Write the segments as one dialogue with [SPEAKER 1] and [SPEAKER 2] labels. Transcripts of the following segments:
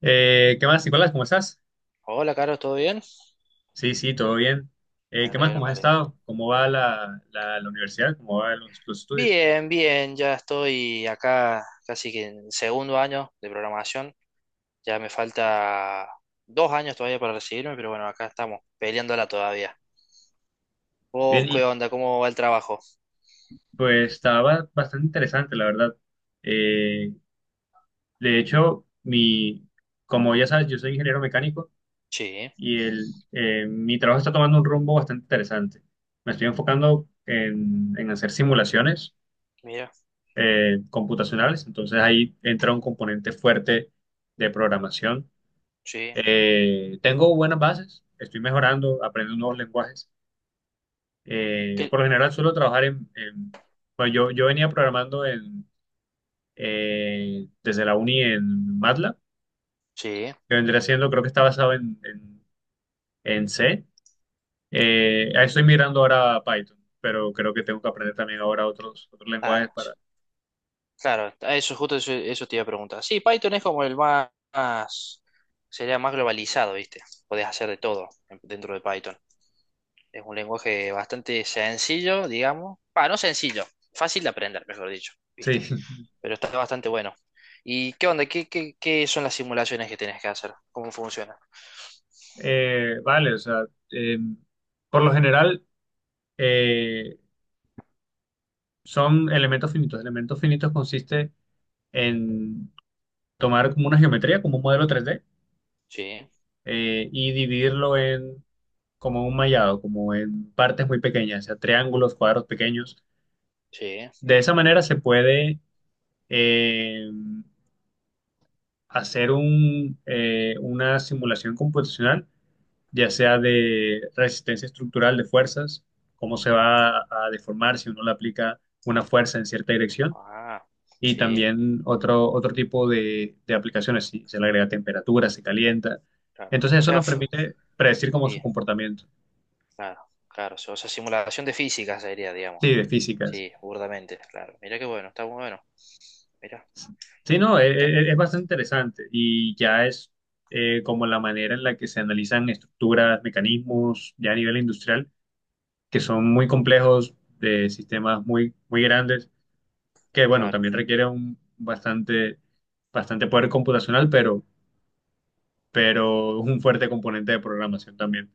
[SPEAKER 1] ¿Qué más, Nicolás? ¿Cómo estás?
[SPEAKER 2] Hola, Carlos, ¿todo bien?
[SPEAKER 1] Sí, sí, todo bien.
[SPEAKER 2] Me
[SPEAKER 1] ¿Qué más?
[SPEAKER 2] alegro,
[SPEAKER 1] ¿Cómo
[SPEAKER 2] me
[SPEAKER 1] has
[SPEAKER 2] alegro.
[SPEAKER 1] estado? ¿Cómo va la universidad? ¿Cómo van los estudios?
[SPEAKER 2] Bien, bien, ya estoy acá casi que en segundo año de programación. Ya me falta dos años todavía para recibirme, pero bueno, acá estamos, peleándola todavía. ¿Vos
[SPEAKER 1] Bien, y
[SPEAKER 2] qué onda? ¿Cómo va el trabajo?
[SPEAKER 1] pues estaba bastante interesante, la verdad. Eh, de hecho, mi, Como ya sabes, yo soy ingeniero mecánico
[SPEAKER 2] Sí,
[SPEAKER 1] y mi trabajo está tomando un rumbo bastante interesante. Me estoy enfocando en hacer simulaciones
[SPEAKER 2] mira,
[SPEAKER 1] computacionales, entonces ahí entra un componente fuerte de programación.
[SPEAKER 2] sí.
[SPEAKER 1] Tengo buenas bases, estoy mejorando, aprendo nuevos lenguajes.
[SPEAKER 2] ¿Qué?
[SPEAKER 1] Por lo general suelo trabajar bueno, yo venía programando desde la uni en MATLAB,
[SPEAKER 2] Sí,
[SPEAKER 1] que vendría siendo, creo que está basado en C. Estoy migrando ahora a Python, pero creo que tengo que aprender también ahora otros lenguajes
[SPEAKER 2] claro, sí.
[SPEAKER 1] para...
[SPEAKER 2] Claro, a eso justo eso, eso te iba a preguntar. Sí, Python es como el más, sería más globalizado, ¿viste? Podés hacer de todo dentro de Python. Es un lenguaje bastante sencillo, digamos. Ah, no sencillo, fácil de aprender, mejor dicho,
[SPEAKER 1] Sí,
[SPEAKER 2] ¿viste? Pero está bastante bueno. ¿Y qué onda? ¿Qué son las simulaciones que tienes que hacer? ¿Cómo funciona?
[SPEAKER 1] Vale, o sea, eh, por lo general eh, son elementos finitos. Elementos finitos consiste en tomar como una geometría, como un modelo tres d
[SPEAKER 2] Sí,
[SPEAKER 1] y dividirlo en como un mallado, como en partes muy pequeñas, o sea, triángulos, cuadros pequeños.
[SPEAKER 2] sí.
[SPEAKER 1] De esa manera se puede eh, hacer una simulación computacional, ya sea de resistencia estructural de fuerzas, cómo se va a deformar si uno le aplica una fuerza en cierta dirección.
[SPEAKER 2] Ah,
[SPEAKER 1] Y
[SPEAKER 2] sí,
[SPEAKER 1] también otro tipo de aplicaciones, si se le agrega temperatura, se calienta.
[SPEAKER 2] claro. O
[SPEAKER 1] Entonces eso
[SPEAKER 2] sea,
[SPEAKER 1] nos permite predecir como
[SPEAKER 2] sí,
[SPEAKER 1] su comportamiento.
[SPEAKER 2] claro, claro. O sea, simulación de física sería, digamos.
[SPEAKER 1] Sí, de físicas.
[SPEAKER 2] Sí, burdamente, claro. Mira qué bueno, está muy bueno. Mira,
[SPEAKER 1] Sí, no, es bastante interesante y ya es como la manera en la que se analizan estructuras, mecanismos, ya a nivel industrial, que son muy complejos, de sistemas muy, muy grandes, que bueno,
[SPEAKER 2] claro.
[SPEAKER 1] también requiere un bastante, bastante poder computacional, pero un fuerte componente de programación también.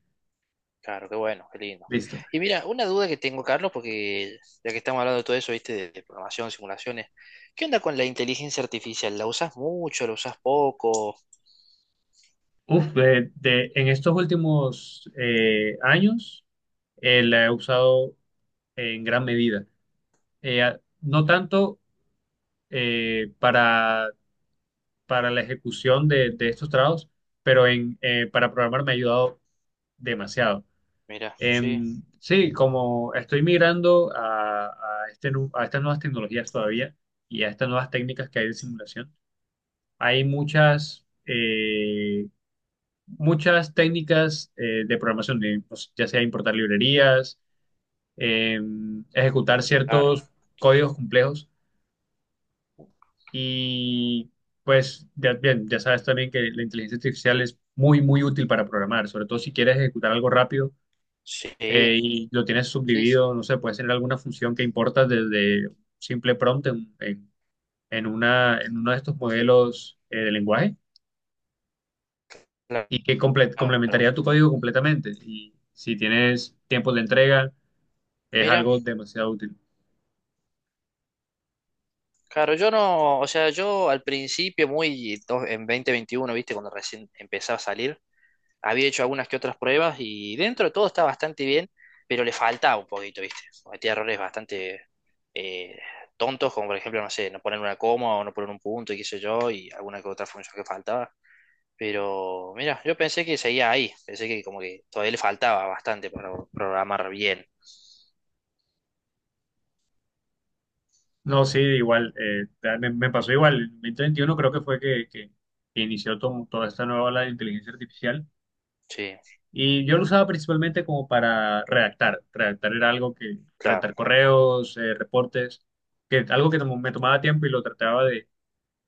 [SPEAKER 2] Claro, qué bueno, qué lindo.
[SPEAKER 1] Listo.
[SPEAKER 2] Y mira, una duda que tengo, Carlos, porque ya que estamos hablando de todo eso, viste, de programación, simulaciones, ¿qué onda con la inteligencia artificial? ¿La usas mucho? ¿La usas poco?
[SPEAKER 1] Uf, en estos últimos años la he usado en gran medida. No tanto eh, para, para la ejecución de estos trabajos, pero para programar me ha ayudado demasiado.
[SPEAKER 2] Mira, sí,
[SPEAKER 1] Sí, como estoy migrando a este a estas nuevas tecnologías todavía y a estas nuevas técnicas que hay de simulación, hay muchas muchas técnicas de programación, de, pues, ya sea importar librerías, eh, ejecutar
[SPEAKER 2] claro,
[SPEAKER 1] ciertos códigos complejos y pues ya, bien, ya sabes también que la inteligencia artificial es muy, muy útil para programar, sobre todo si quieres ejecutar algo rápido
[SPEAKER 2] sí,
[SPEAKER 1] y lo tienes
[SPEAKER 2] sí, sí,
[SPEAKER 1] subdividido, no sé, puedes tener alguna función que importas desde un simple prompt en una, en uno de estos modelos de lenguaje
[SPEAKER 2] claro.
[SPEAKER 1] y que complementaría tu código completamente. Y si tienes tiempos de entrega, es
[SPEAKER 2] Mira,
[SPEAKER 1] algo demasiado útil.
[SPEAKER 2] claro, yo no, o sea, yo al principio, muy en 2021, viste, cuando recién empezaba a salir, había hecho algunas que otras pruebas y dentro de todo está bastante bien, pero le faltaba un poquito, ¿viste? Cometía errores bastante eh, tontos, como por ejemplo, no sé, no poner una coma o no poner un punto y qué sé yo, y alguna que otra función que faltaba. Pero mira, yo pensé que seguía ahí, pensé que como que todavía le faltaba bastante para programar bien.
[SPEAKER 1] No, sí, igual, me pasó igual. En 2021 creo que fue que inició toda esta nueva ola de inteligencia artificial
[SPEAKER 2] Sí,
[SPEAKER 1] y yo lo usaba principalmente como para redactar. Redactar era algo que,
[SPEAKER 2] claro,
[SPEAKER 1] redactar correos, reportes, que algo que me tomaba tiempo y lo trataba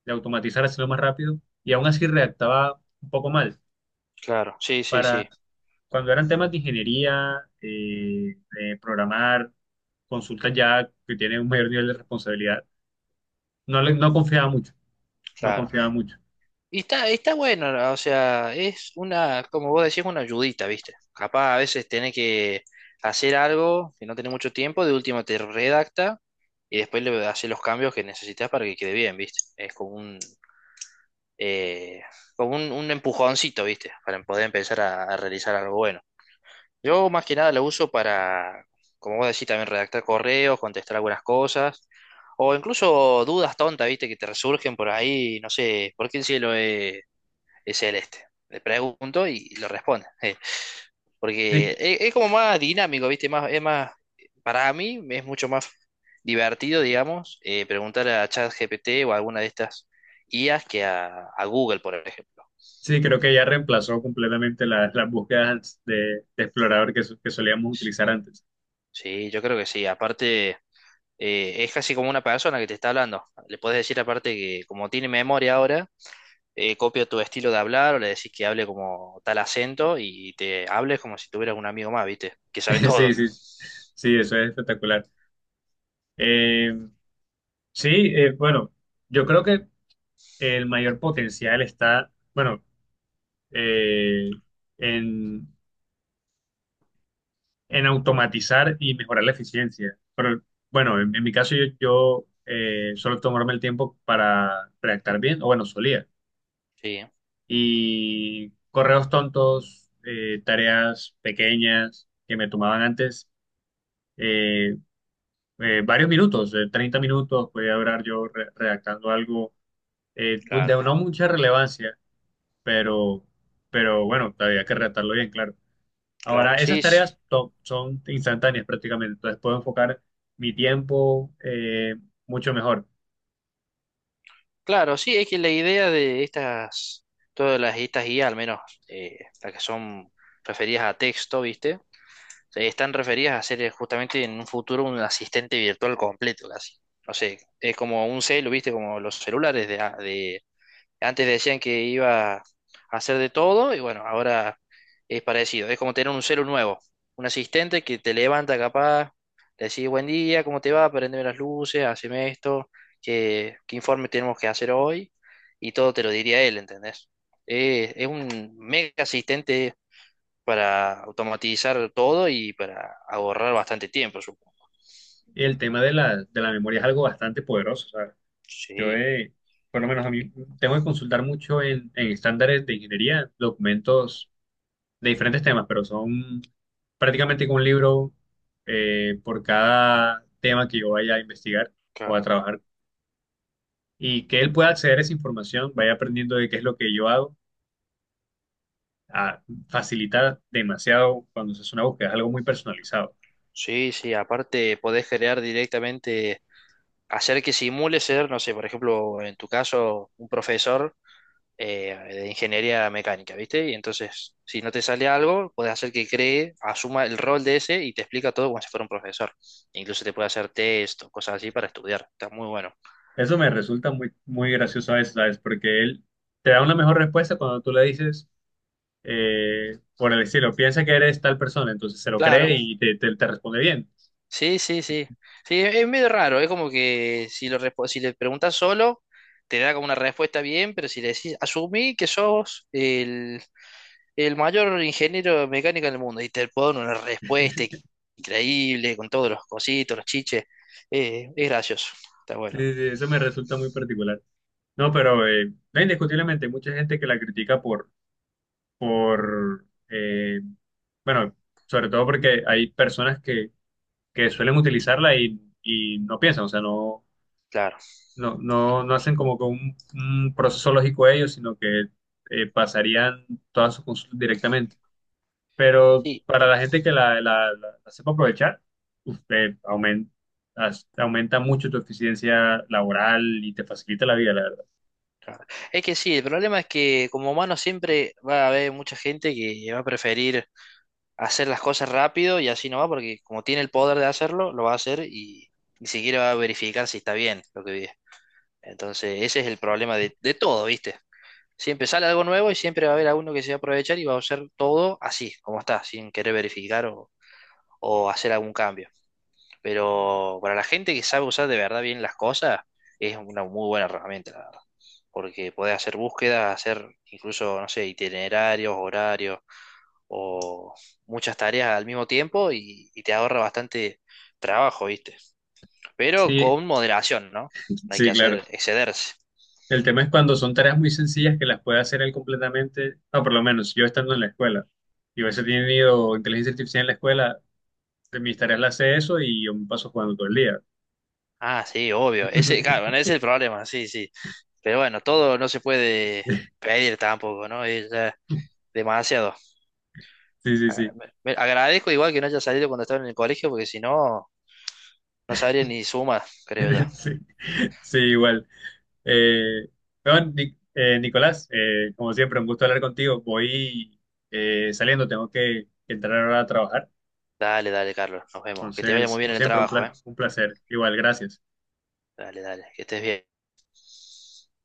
[SPEAKER 1] de automatizar, hacerlo más rápido y aún así redactaba un poco mal.
[SPEAKER 2] claro, sí, sí, sí,
[SPEAKER 1] Para, cuando eran temas de ingeniería, de programar, consultas ya que tienen un mayor nivel de responsabilidad, no, no confiaba mucho, no
[SPEAKER 2] claro.
[SPEAKER 1] confiaba mucho.
[SPEAKER 2] Y está, está bueno, o sea, es una, como vos decís, una ayudita, ¿viste? Capaz a veces tenés que hacer algo que no tenés mucho tiempo, de último te redacta y después le haces los cambios que necesitas para que quede bien, ¿viste? Eh, como un empujoncito, ¿viste? Para poder empezar a realizar algo bueno. Yo más que nada lo uso para, como vos decís, también redactar correos, contestar algunas cosas, o incluso dudas tontas, ¿viste? Que te resurgen por ahí, no sé, ¿por qué el cielo es el este? Le pregunto y lo responde. Porque
[SPEAKER 1] Sí,
[SPEAKER 2] es como más dinámico, ¿viste? Más, es más, para mí es mucho más divertido, digamos, preguntar a ChatGPT o a alguna de estas IAs que a Google, por ejemplo.
[SPEAKER 1] sí, creo que ya
[SPEAKER 2] Porque-
[SPEAKER 1] reemplazó completamente las búsquedas de explorador que solíamos utilizar antes.
[SPEAKER 2] Sí, yo creo que sí. Aparte, es casi como una persona que te está hablando. Le puedes decir aparte que como tiene memoria ahora, copia tu estilo de hablar o le decís que hable como tal acento y te hables como si tuvieras un amigo más, ¿viste? Que sabe
[SPEAKER 1] Sí,
[SPEAKER 2] todo.
[SPEAKER 1] sí, sí, eso es espectacular. Eh, sí, bueno, yo creo que el mayor potencial está, bueno, eh, en, en automatizar y mejorar la eficiencia. Pero bueno, en mi caso yo suelo tomarme el tiempo para redactar bien, o bueno, solía
[SPEAKER 2] Sí,
[SPEAKER 1] y correos tontos, tareas pequeñas que me tomaban antes eh, varios minutos, 30 minutos, podía durar yo redactando algo pues
[SPEAKER 2] claro,
[SPEAKER 1] de no mucha relevancia, pero, pero bueno, había que redactarlo bien, claro.
[SPEAKER 2] claro,
[SPEAKER 1] Ahora, esas
[SPEAKER 2] sí, sí,
[SPEAKER 1] son instantáneas prácticamente, entonces puedo enfocar mi tiempo mucho mejor.
[SPEAKER 2] claro, sí, es que la idea de estas, todas las, estas guías, al menos las que son referidas a texto, ¿viste? Están referidas a ser justamente en un futuro un asistente virtual completo, casi. No sé, es como un celu, ¿viste? Como los celulares de, antes decían que iba a hacer de todo y bueno, ahora es parecido. Es como tener un celu nuevo, un asistente que te levanta capaz, le decís buen día, ¿cómo te va? Prendeme las luces, haceme esto, ¿qué informe tenemos que hacer hoy? Y todo te lo diría él, ¿entendés? Es un mega asistente para automatizar todo y para ahorrar bastante tiempo, supongo.
[SPEAKER 1] Y el tema de de la memoria es algo bastante poderoso, ¿sabes? Yo,
[SPEAKER 2] Sí,
[SPEAKER 1] por lo menos a mí,
[SPEAKER 2] y-
[SPEAKER 1] tengo que consultar mucho en estándares de ingeniería, documentos de diferentes temas, pero son prácticamente como un libro por cada tema que yo vaya a investigar o a
[SPEAKER 2] claro.
[SPEAKER 1] trabajar. Y que él pueda acceder a esa información, vaya aprendiendo de qué es lo que yo hago, a facilitar demasiado cuando se hace una búsqueda, es algo muy personalizado.
[SPEAKER 2] Sí, sí, aparte podés crear directamente, hacer que simule ser, no sé, por ejemplo, en tu caso, un profesor de ingeniería mecánica, ¿viste? Y entonces, si no te sale algo, puedes hacer que cree, asuma el rol de ese y te explica todo como si fuera un profesor. Incluso te puede hacer test o cosas así para estudiar. Está muy bueno.
[SPEAKER 1] Eso me resulta muy, muy gracioso a veces, ¿sabes? Porque él te da una mejor respuesta cuando tú le dices por el estilo, piensa que eres tal persona, entonces se lo
[SPEAKER 2] Claro.
[SPEAKER 1] cree y te responde bien.
[SPEAKER 2] Sí, sí, sí. Sí, es medio raro. Es como que si, lo, si le preguntas solo, te da como una respuesta bien, pero si le decís, asumí que sos el mayor ingeniero mecánico del mundo y te pone una respuesta increíble con todos los cositos, los chiches. Es gracioso, está bueno,
[SPEAKER 1] Sí, sí, eso me resulta muy particular. No, pero no, indiscutiblemente hay mucha gente que la critica por eh, bueno, sobre todo porque hay personas que suelen utilizarla y no piensan, o sea, no,
[SPEAKER 2] claro.
[SPEAKER 1] no, no, no hacen como que un proceso lógico ellos, sino que pasarían todas sus consultas directamente. Pero
[SPEAKER 2] Sí,
[SPEAKER 1] para la gente que la sepa aprovechar, usted aumenta, aumenta mucho tu eficiencia laboral y te facilita la vida, la verdad.
[SPEAKER 2] claro. Es que sí, el problema es que como humano siempre va a haber mucha gente que va a preferir hacer las cosas rápido y así no va, porque como tiene el poder de hacerlo, lo va a hacer y ni siquiera va a verificar si está bien lo que vive. Entonces, ese es el problema de todo, ¿viste? Siempre sale algo nuevo y siempre va a haber alguno que se va a aprovechar y va a usar todo así, como está, sin querer verificar o hacer algún cambio. Pero para la gente que sabe usar de verdad bien las cosas, es una muy buena herramienta, la verdad. Porque podés hacer búsquedas, hacer incluso, no sé, itinerarios, horarios o muchas tareas al mismo tiempo y te ahorra bastante trabajo, ¿viste? Pero
[SPEAKER 1] Sí,
[SPEAKER 2] con moderación, ¿no? No hay que
[SPEAKER 1] sí, claro.
[SPEAKER 2] hacer excederse.
[SPEAKER 1] El tema es cuando son tareas muy sencillas que las puede hacer él completamente, o por lo menos yo estando en la escuela. Yo a veces he tenido inteligencia artificial en la escuela, de mis tareas las hace eso y yo me paso jugando todo el día.
[SPEAKER 2] Ah, sí, obvio. Ese, claro, bueno, ese es el problema, sí, sí. Pero bueno, todo no se puede pedir tampoco, ¿no? Es ya demasiado.
[SPEAKER 1] Sí, sí,
[SPEAKER 2] Ah,
[SPEAKER 1] sí.
[SPEAKER 2] agradezco igual que no haya salido cuando estaba en el colegio, porque si no, no sabría ni suma, creo yo.
[SPEAKER 1] Sí, sí, igual. Eh, bueno, Nicolás, como siempre, un gusto hablar contigo. Voy saliendo, tengo que entrar ahora a trabajar.
[SPEAKER 2] Dale, dale, Carlos. Nos vemos. Que te vaya
[SPEAKER 1] Entonces,
[SPEAKER 2] muy bien
[SPEAKER 1] como
[SPEAKER 2] en el
[SPEAKER 1] siempre, un
[SPEAKER 2] trabajo, ¿eh?
[SPEAKER 1] un placer. Igual, gracias.
[SPEAKER 2] Dale, dale. Que estés bien.